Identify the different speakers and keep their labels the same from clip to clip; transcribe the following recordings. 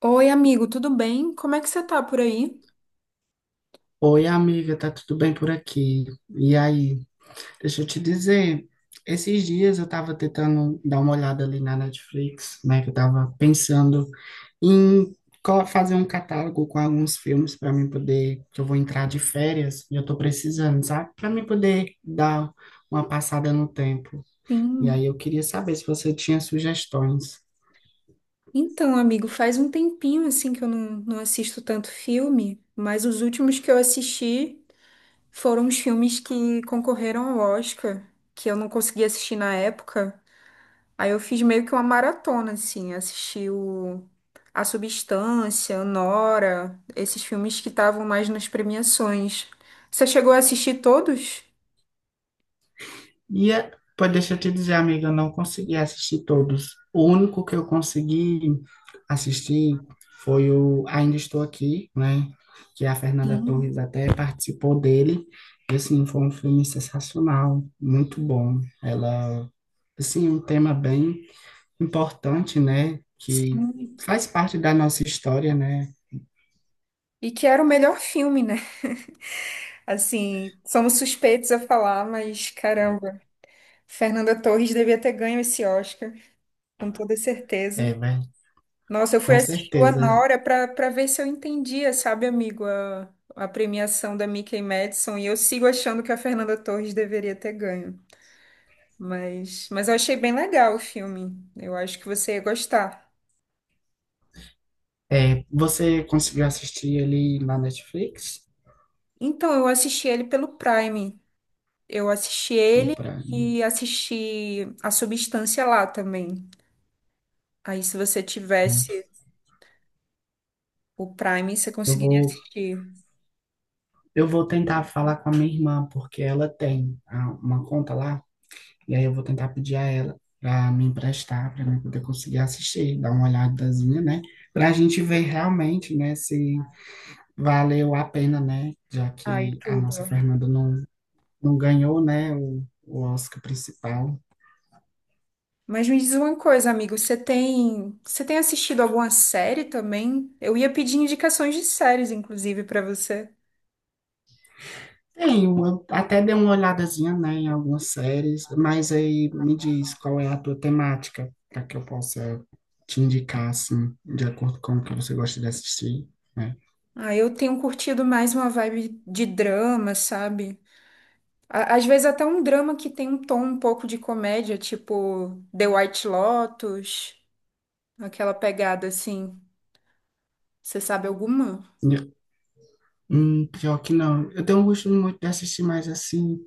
Speaker 1: Oi, amigo, tudo bem? Como é que você tá por aí?
Speaker 2: Oi, amiga, tá tudo bem por aqui? E aí, deixa eu te dizer, esses dias eu tava tentando dar uma olhada ali na Netflix, né, que eu tava pensando em fazer um catálogo com alguns filmes para mim poder, que eu vou entrar de férias e eu tô precisando, sabe? Para mim poder dar uma passada no tempo. E
Speaker 1: Sim.
Speaker 2: aí eu queria saber se você tinha sugestões.
Speaker 1: Então, amigo, faz um tempinho assim que eu não assisto tanto filme, mas os últimos que eu assisti foram os filmes que concorreram ao Oscar, que eu não consegui assistir na época. Aí eu fiz meio que uma maratona, assim, assisti o A Substância, Nora, esses filmes que estavam mais nas premiações. Você chegou a assistir todos?
Speaker 2: E é, pô, deixa eu te dizer, amiga, eu não consegui assistir todos. O único que eu consegui assistir foi o Ainda Estou Aqui, né? Que a Fernanda
Speaker 1: Sim,
Speaker 2: Torres até participou dele. E, assim, foi um filme sensacional, muito bom. Ela, assim, é um tema bem importante, né? Que
Speaker 1: sim.
Speaker 2: faz parte da nossa história, né?
Speaker 1: E que era o melhor filme, né? Assim, somos suspeitos a falar, mas caramba, Fernanda Torres devia ter ganho esse Oscar, com toda
Speaker 2: É,
Speaker 1: certeza.
Speaker 2: né?
Speaker 1: Nossa, eu fui
Speaker 2: Com
Speaker 1: assistir o
Speaker 2: certeza.
Speaker 1: Anora para ver se eu entendia, sabe, amigo, a premiação da Mickey Madison, e eu sigo achando que a Fernanda Torres deveria ter ganho. Mas eu achei bem legal o filme. Eu acho que você ia gostar.
Speaker 2: É, você conseguiu assistir ele na Netflix?
Speaker 1: Então, eu assisti ele pelo Prime. Eu assisti
Speaker 2: Ou
Speaker 1: ele
Speaker 2: pra...
Speaker 1: e assisti A Substância lá também. Aí, se você tivesse O Prime você
Speaker 2: Eu
Speaker 1: conseguiria
Speaker 2: vou,
Speaker 1: assistir.
Speaker 2: eu vou tentar falar com a minha irmã, porque ela tem uma conta lá, e aí eu vou tentar pedir a ela para me emprestar, para mim poder conseguir assistir, dar uma olhadazinha, né? Para a gente ver realmente, né, se valeu a pena, né? Já
Speaker 1: Ai,
Speaker 2: que a
Speaker 1: tudo.
Speaker 2: nossa Fernanda não ganhou, né, o Oscar principal.
Speaker 1: Mas me diz uma coisa, amigo, você tem assistido alguma série também? Eu ia pedir indicações de séries, inclusive, pra você.
Speaker 2: Tenho, eu até dei uma olhadazinha, né, em algumas séries, mas aí me diz qual é a tua temática, para que eu possa te indicar, assim, de acordo com o que você gosta de assistir, né?
Speaker 1: Ah, eu tenho curtido mais uma vibe de drama, sabe? Às vezes até um drama que tem um tom um pouco de comédia, tipo The White Lotus, aquela pegada assim. Você sabe alguma?
Speaker 2: E- pior que não. Eu tenho um gosto muito de assistir mais, assim,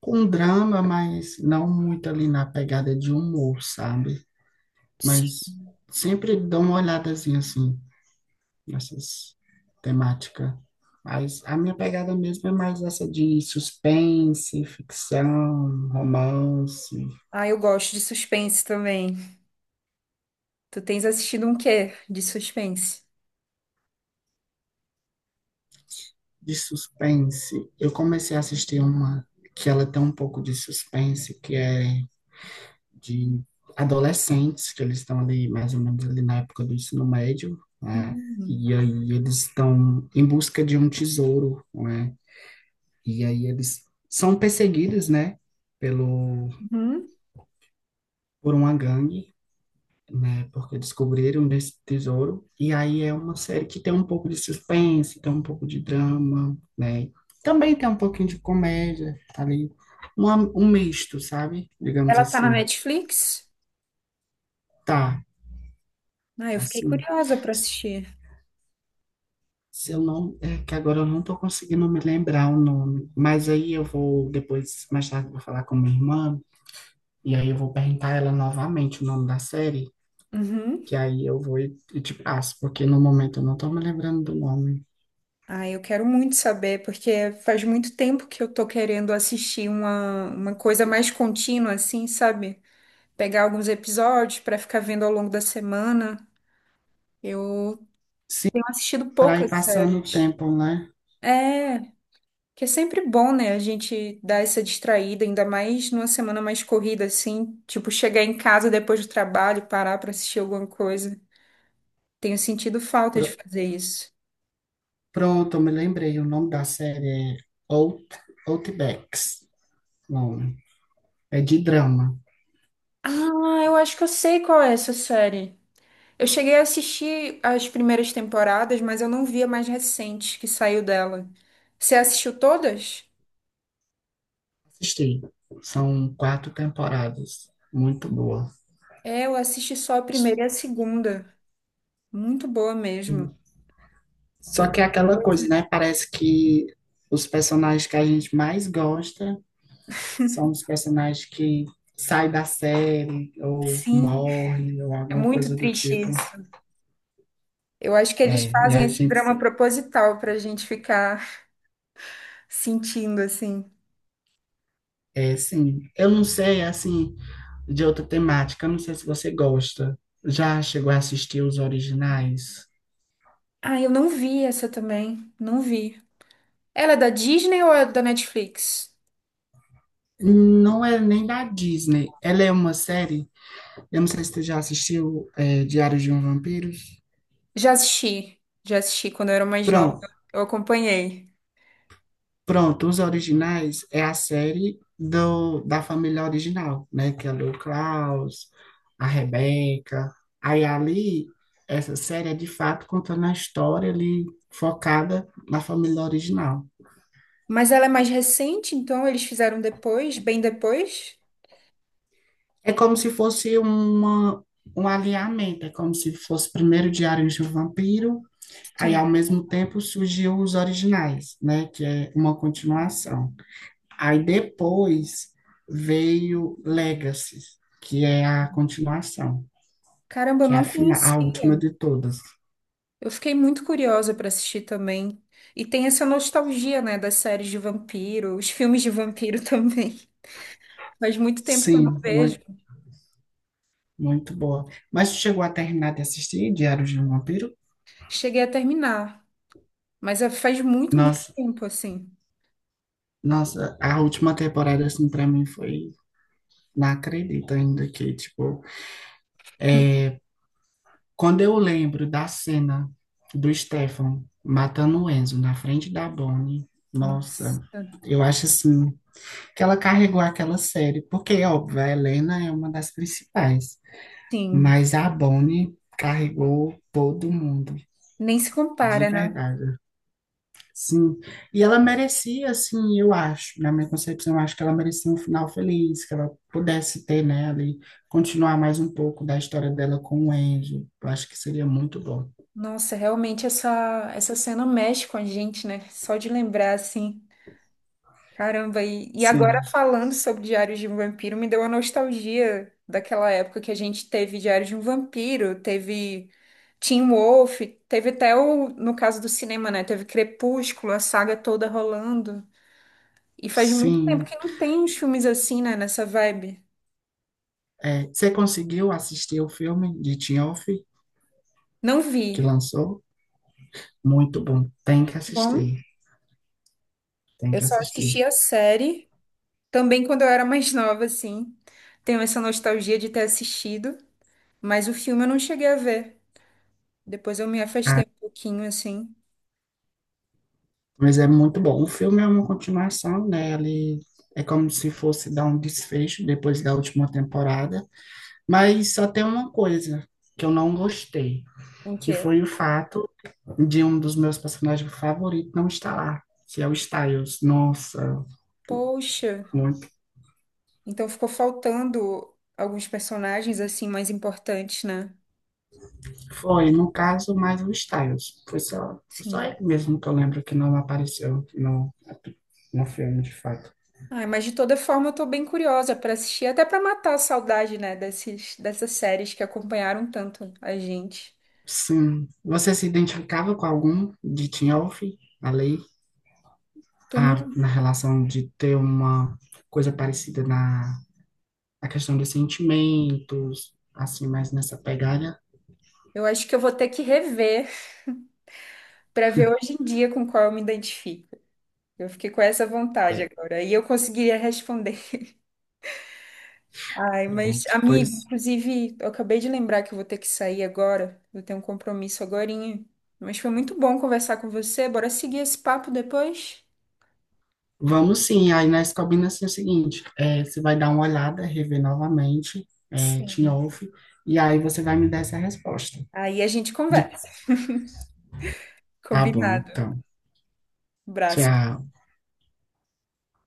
Speaker 2: com drama, mas não muito ali na pegada de humor, sabe?
Speaker 1: Sim.
Speaker 2: Mas sempre dou uma olhadazinha, assim. Essas temática. Mas a minha pegada mesmo é mais essa de suspense, ficção, romance,
Speaker 1: Ah, eu gosto de suspense também. Tu tens assistido um quê de suspense?
Speaker 2: de suspense. Eu comecei a assistir uma que ela tem um pouco de suspense, que é de adolescentes, que eles estão ali mais ou menos ali na época do ensino médio, né?
Speaker 1: Hum.
Speaker 2: E aí eles estão em busca de um tesouro, né? E aí eles são perseguidos, né, pelo
Speaker 1: Uhum.
Speaker 2: por uma gangue né? Porque descobriram desse tesouro. E aí é uma série que tem um pouco de suspense, tem um pouco de drama, né? Também tem um pouquinho de comédia tá ali, uma, um misto, sabe? Digamos
Speaker 1: Ela tá na
Speaker 2: assim.
Speaker 1: Netflix?
Speaker 2: Tá,
Speaker 1: Ah, eu fiquei
Speaker 2: assim.
Speaker 1: curiosa pra assistir.
Speaker 2: Se eu não, é que agora eu não tô conseguindo me lembrar o nome, mas aí eu vou depois, mais tarde, eu vou falar com minha irmã e aí eu vou perguntar a ela novamente o nome da série,
Speaker 1: Uhum.
Speaker 2: que aí eu vou e te passo, porque no momento eu não tô me lembrando do nome.
Speaker 1: Ah, eu quero muito saber, porque faz muito tempo que eu tô querendo assistir uma coisa mais contínua, assim, sabe? Pegar alguns episódios pra ficar vendo ao longo da semana. Eu tenho assistido
Speaker 2: Para ir
Speaker 1: poucas
Speaker 2: passando o
Speaker 1: séries.
Speaker 2: tempo, né?
Speaker 1: É, que é sempre bom, né? A gente dar essa distraída, ainda mais numa semana mais corrida, assim, tipo, chegar em casa depois do trabalho, parar pra assistir alguma coisa. Tenho sentido falta de
Speaker 2: Pro-
Speaker 1: fazer isso.
Speaker 2: Pronto, eu me lembrei, o nome da série é Out, Outbacks, nome. É de drama.
Speaker 1: Ah, eu acho que eu sei qual é essa série. Eu cheguei a assistir as primeiras temporadas, mas eu não vi a mais recente que saiu dela. Você assistiu todas?
Speaker 2: Assisti. São quatro temporadas. Muito boa.
Speaker 1: É, eu assisti só a primeira e a segunda. Muito boa mesmo. E
Speaker 2: Só que é
Speaker 1: tem
Speaker 2: aquela coisa,
Speaker 1: coisa-
Speaker 2: né? Parece que os personagens que a gente mais gosta são os personagens que saem da série, ou
Speaker 1: Sim,
Speaker 2: morrem, ou
Speaker 1: é
Speaker 2: alguma
Speaker 1: muito
Speaker 2: coisa do
Speaker 1: triste
Speaker 2: tipo.
Speaker 1: isso. Eu acho que eles
Speaker 2: É, e
Speaker 1: fazem
Speaker 2: a
Speaker 1: esse
Speaker 2: gente,
Speaker 1: drama proposital pra gente ficar sentindo assim.
Speaker 2: é sim. Eu não sei, assim, de outra temática. Não sei se você gosta. Já chegou a assistir os originais?
Speaker 1: Ah, eu não vi essa também. Não vi. Ela é da Disney ou é da Netflix?
Speaker 2: Não é nem da Disney. Ela é uma série. Eu não sei se tu já assistiu é, Diário de um Vampiro.
Speaker 1: Já assisti, já assisti quando eu era mais nova,
Speaker 2: Pronto,
Speaker 1: eu acompanhei.
Speaker 2: Pronto. Os originais é a série da família original, né? Que é o Klaus, a Rebeca. Aí ali, essa série é de fato contando a história ali focada na família original.
Speaker 1: Mas ela é mais recente, então eles fizeram depois, bem depois?
Speaker 2: É como se fosse um alinhamento, é como se fosse primeiro Diários de um Vampiro, aí
Speaker 1: Sim.
Speaker 2: ao mesmo tempo surgiu os originais, né, que é uma continuação. Aí depois veio Legacy, que é a continuação,
Speaker 1: Caramba, eu
Speaker 2: que é a
Speaker 1: não
Speaker 2: final, a última
Speaker 1: conhecia.
Speaker 2: de todas.
Speaker 1: Eu fiquei muito curiosa para assistir também. E tem essa nostalgia, né, das séries de vampiro, os filmes de vampiro também. Faz muito tempo que eu não
Speaker 2: Sim,
Speaker 1: vejo.
Speaker 2: muito boa. Mas tu chegou a terminar de assistir Diários de um Vampiro?
Speaker 1: Cheguei a terminar, mas faz muito, muito
Speaker 2: Nossa,
Speaker 1: tempo assim.
Speaker 2: Nossa, a última temporada assim para mim foi, não acredito ainda que tipo quando eu lembro da cena do Stefan matando o Enzo na frente da Bonnie, nossa,
Speaker 1: Nossa.
Speaker 2: eu acho assim que ela carregou aquela série, porque óbvio, a Helena é uma das principais,
Speaker 1: Sim,
Speaker 2: mas a Bonnie carregou todo mundo,
Speaker 1: nem se
Speaker 2: de
Speaker 1: compara, né?
Speaker 2: verdade. Sim, e ela merecia, assim, eu acho, na minha concepção, eu acho que ela merecia um final feliz, que ela pudesse ter, né, ali, continuar mais um pouco da história dela com o Enzo. Eu acho que seria muito bom.
Speaker 1: Nossa, realmente essa cena mexe com a gente, né? Só de lembrar, assim. Caramba, e agora
Speaker 2: Sim.
Speaker 1: falando sobre Diários de um Vampiro, me deu uma nostalgia daquela época que a gente teve Diários de um Vampiro, teve Teen Wolf, teve até o, no caso do cinema, né? Teve Crepúsculo, a saga toda rolando. E faz muito tempo
Speaker 2: Sim,
Speaker 1: que não tem uns filmes assim, né? Nessa vibe.
Speaker 2: é, você conseguiu assistir o filme de Tinhoff
Speaker 1: Não
Speaker 2: que
Speaker 1: vi.
Speaker 2: lançou? Muito bom, tem que
Speaker 1: Tá bom,
Speaker 2: assistir, tem
Speaker 1: eu
Speaker 2: que
Speaker 1: só
Speaker 2: assistir.
Speaker 1: assisti a série. Também quando eu era mais nova, assim, tenho essa nostalgia de ter assistido, mas o filme eu não cheguei a ver. Depois eu me
Speaker 2: Ah,
Speaker 1: afastei um pouquinho, assim,
Speaker 2: mas é muito bom. O filme é uma continuação, né? Ele é como se fosse dar um desfecho depois da última temporada, mas só tem uma coisa que eu não gostei,
Speaker 1: com que
Speaker 2: que
Speaker 1: era.
Speaker 2: foi o fato de um dos meus personagens favoritos não estar lá, que é o Styles. Nossa,
Speaker 1: Poxa, então ficou faltando alguns personagens, assim, mais importantes, né?
Speaker 2: foi, no caso, mais o Styles. Foi só
Speaker 1: Sim.
Speaker 2: ele mesmo que eu lembro que não apareceu no filme, de fato.
Speaker 1: Ai, mas de toda forma eu tô bem curiosa pra assistir, até pra matar a saudade, né, desses, dessas séries que acompanharam tanto a gente.
Speaker 2: Sim. Você se identificava com algum de Teen Wolf? A lei?
Speaker 1: Tô no...
Speaker 2: A, na relação de ter uma coisa parecida na questão dos sentimentos, assim, mais nessa pegada?
Speaker 1: Eu acho que eu vou ter que rever pra ver hoje em dia com qual eu me identifico. Eu fiquei com essa vontade
Speaker 2: É,
Speaker 1: agora. E eu conseguiria responder. Ai, mas,
Speaker 2: pronto.
Speaker 1: amigo,
Speaker 2: Pois
Speaker 1: inclusive, eu acabei de lembrar que eu vou ter que sair agora. Eu tenho um compromisso agorinha. Mas foi muito bom conversar com você. Bora seguir esse papo depois?
Speaker 2: vamos sim, aí nós combinamos assim, o seguinte, é, você vai dar uma olhada, rever novamente, é, Teen
Speaker 1: Sim.
Speaker 2: Wolf, e aí você vai me dar essa resposta.
Speaker 1: Aí a gente conversa.
Speaker 2: De... Tá bom,
Speaker 1: Combinado.
Speaker 2: então.
Speaker 1: Abraço.
Speaker 2: Tchau.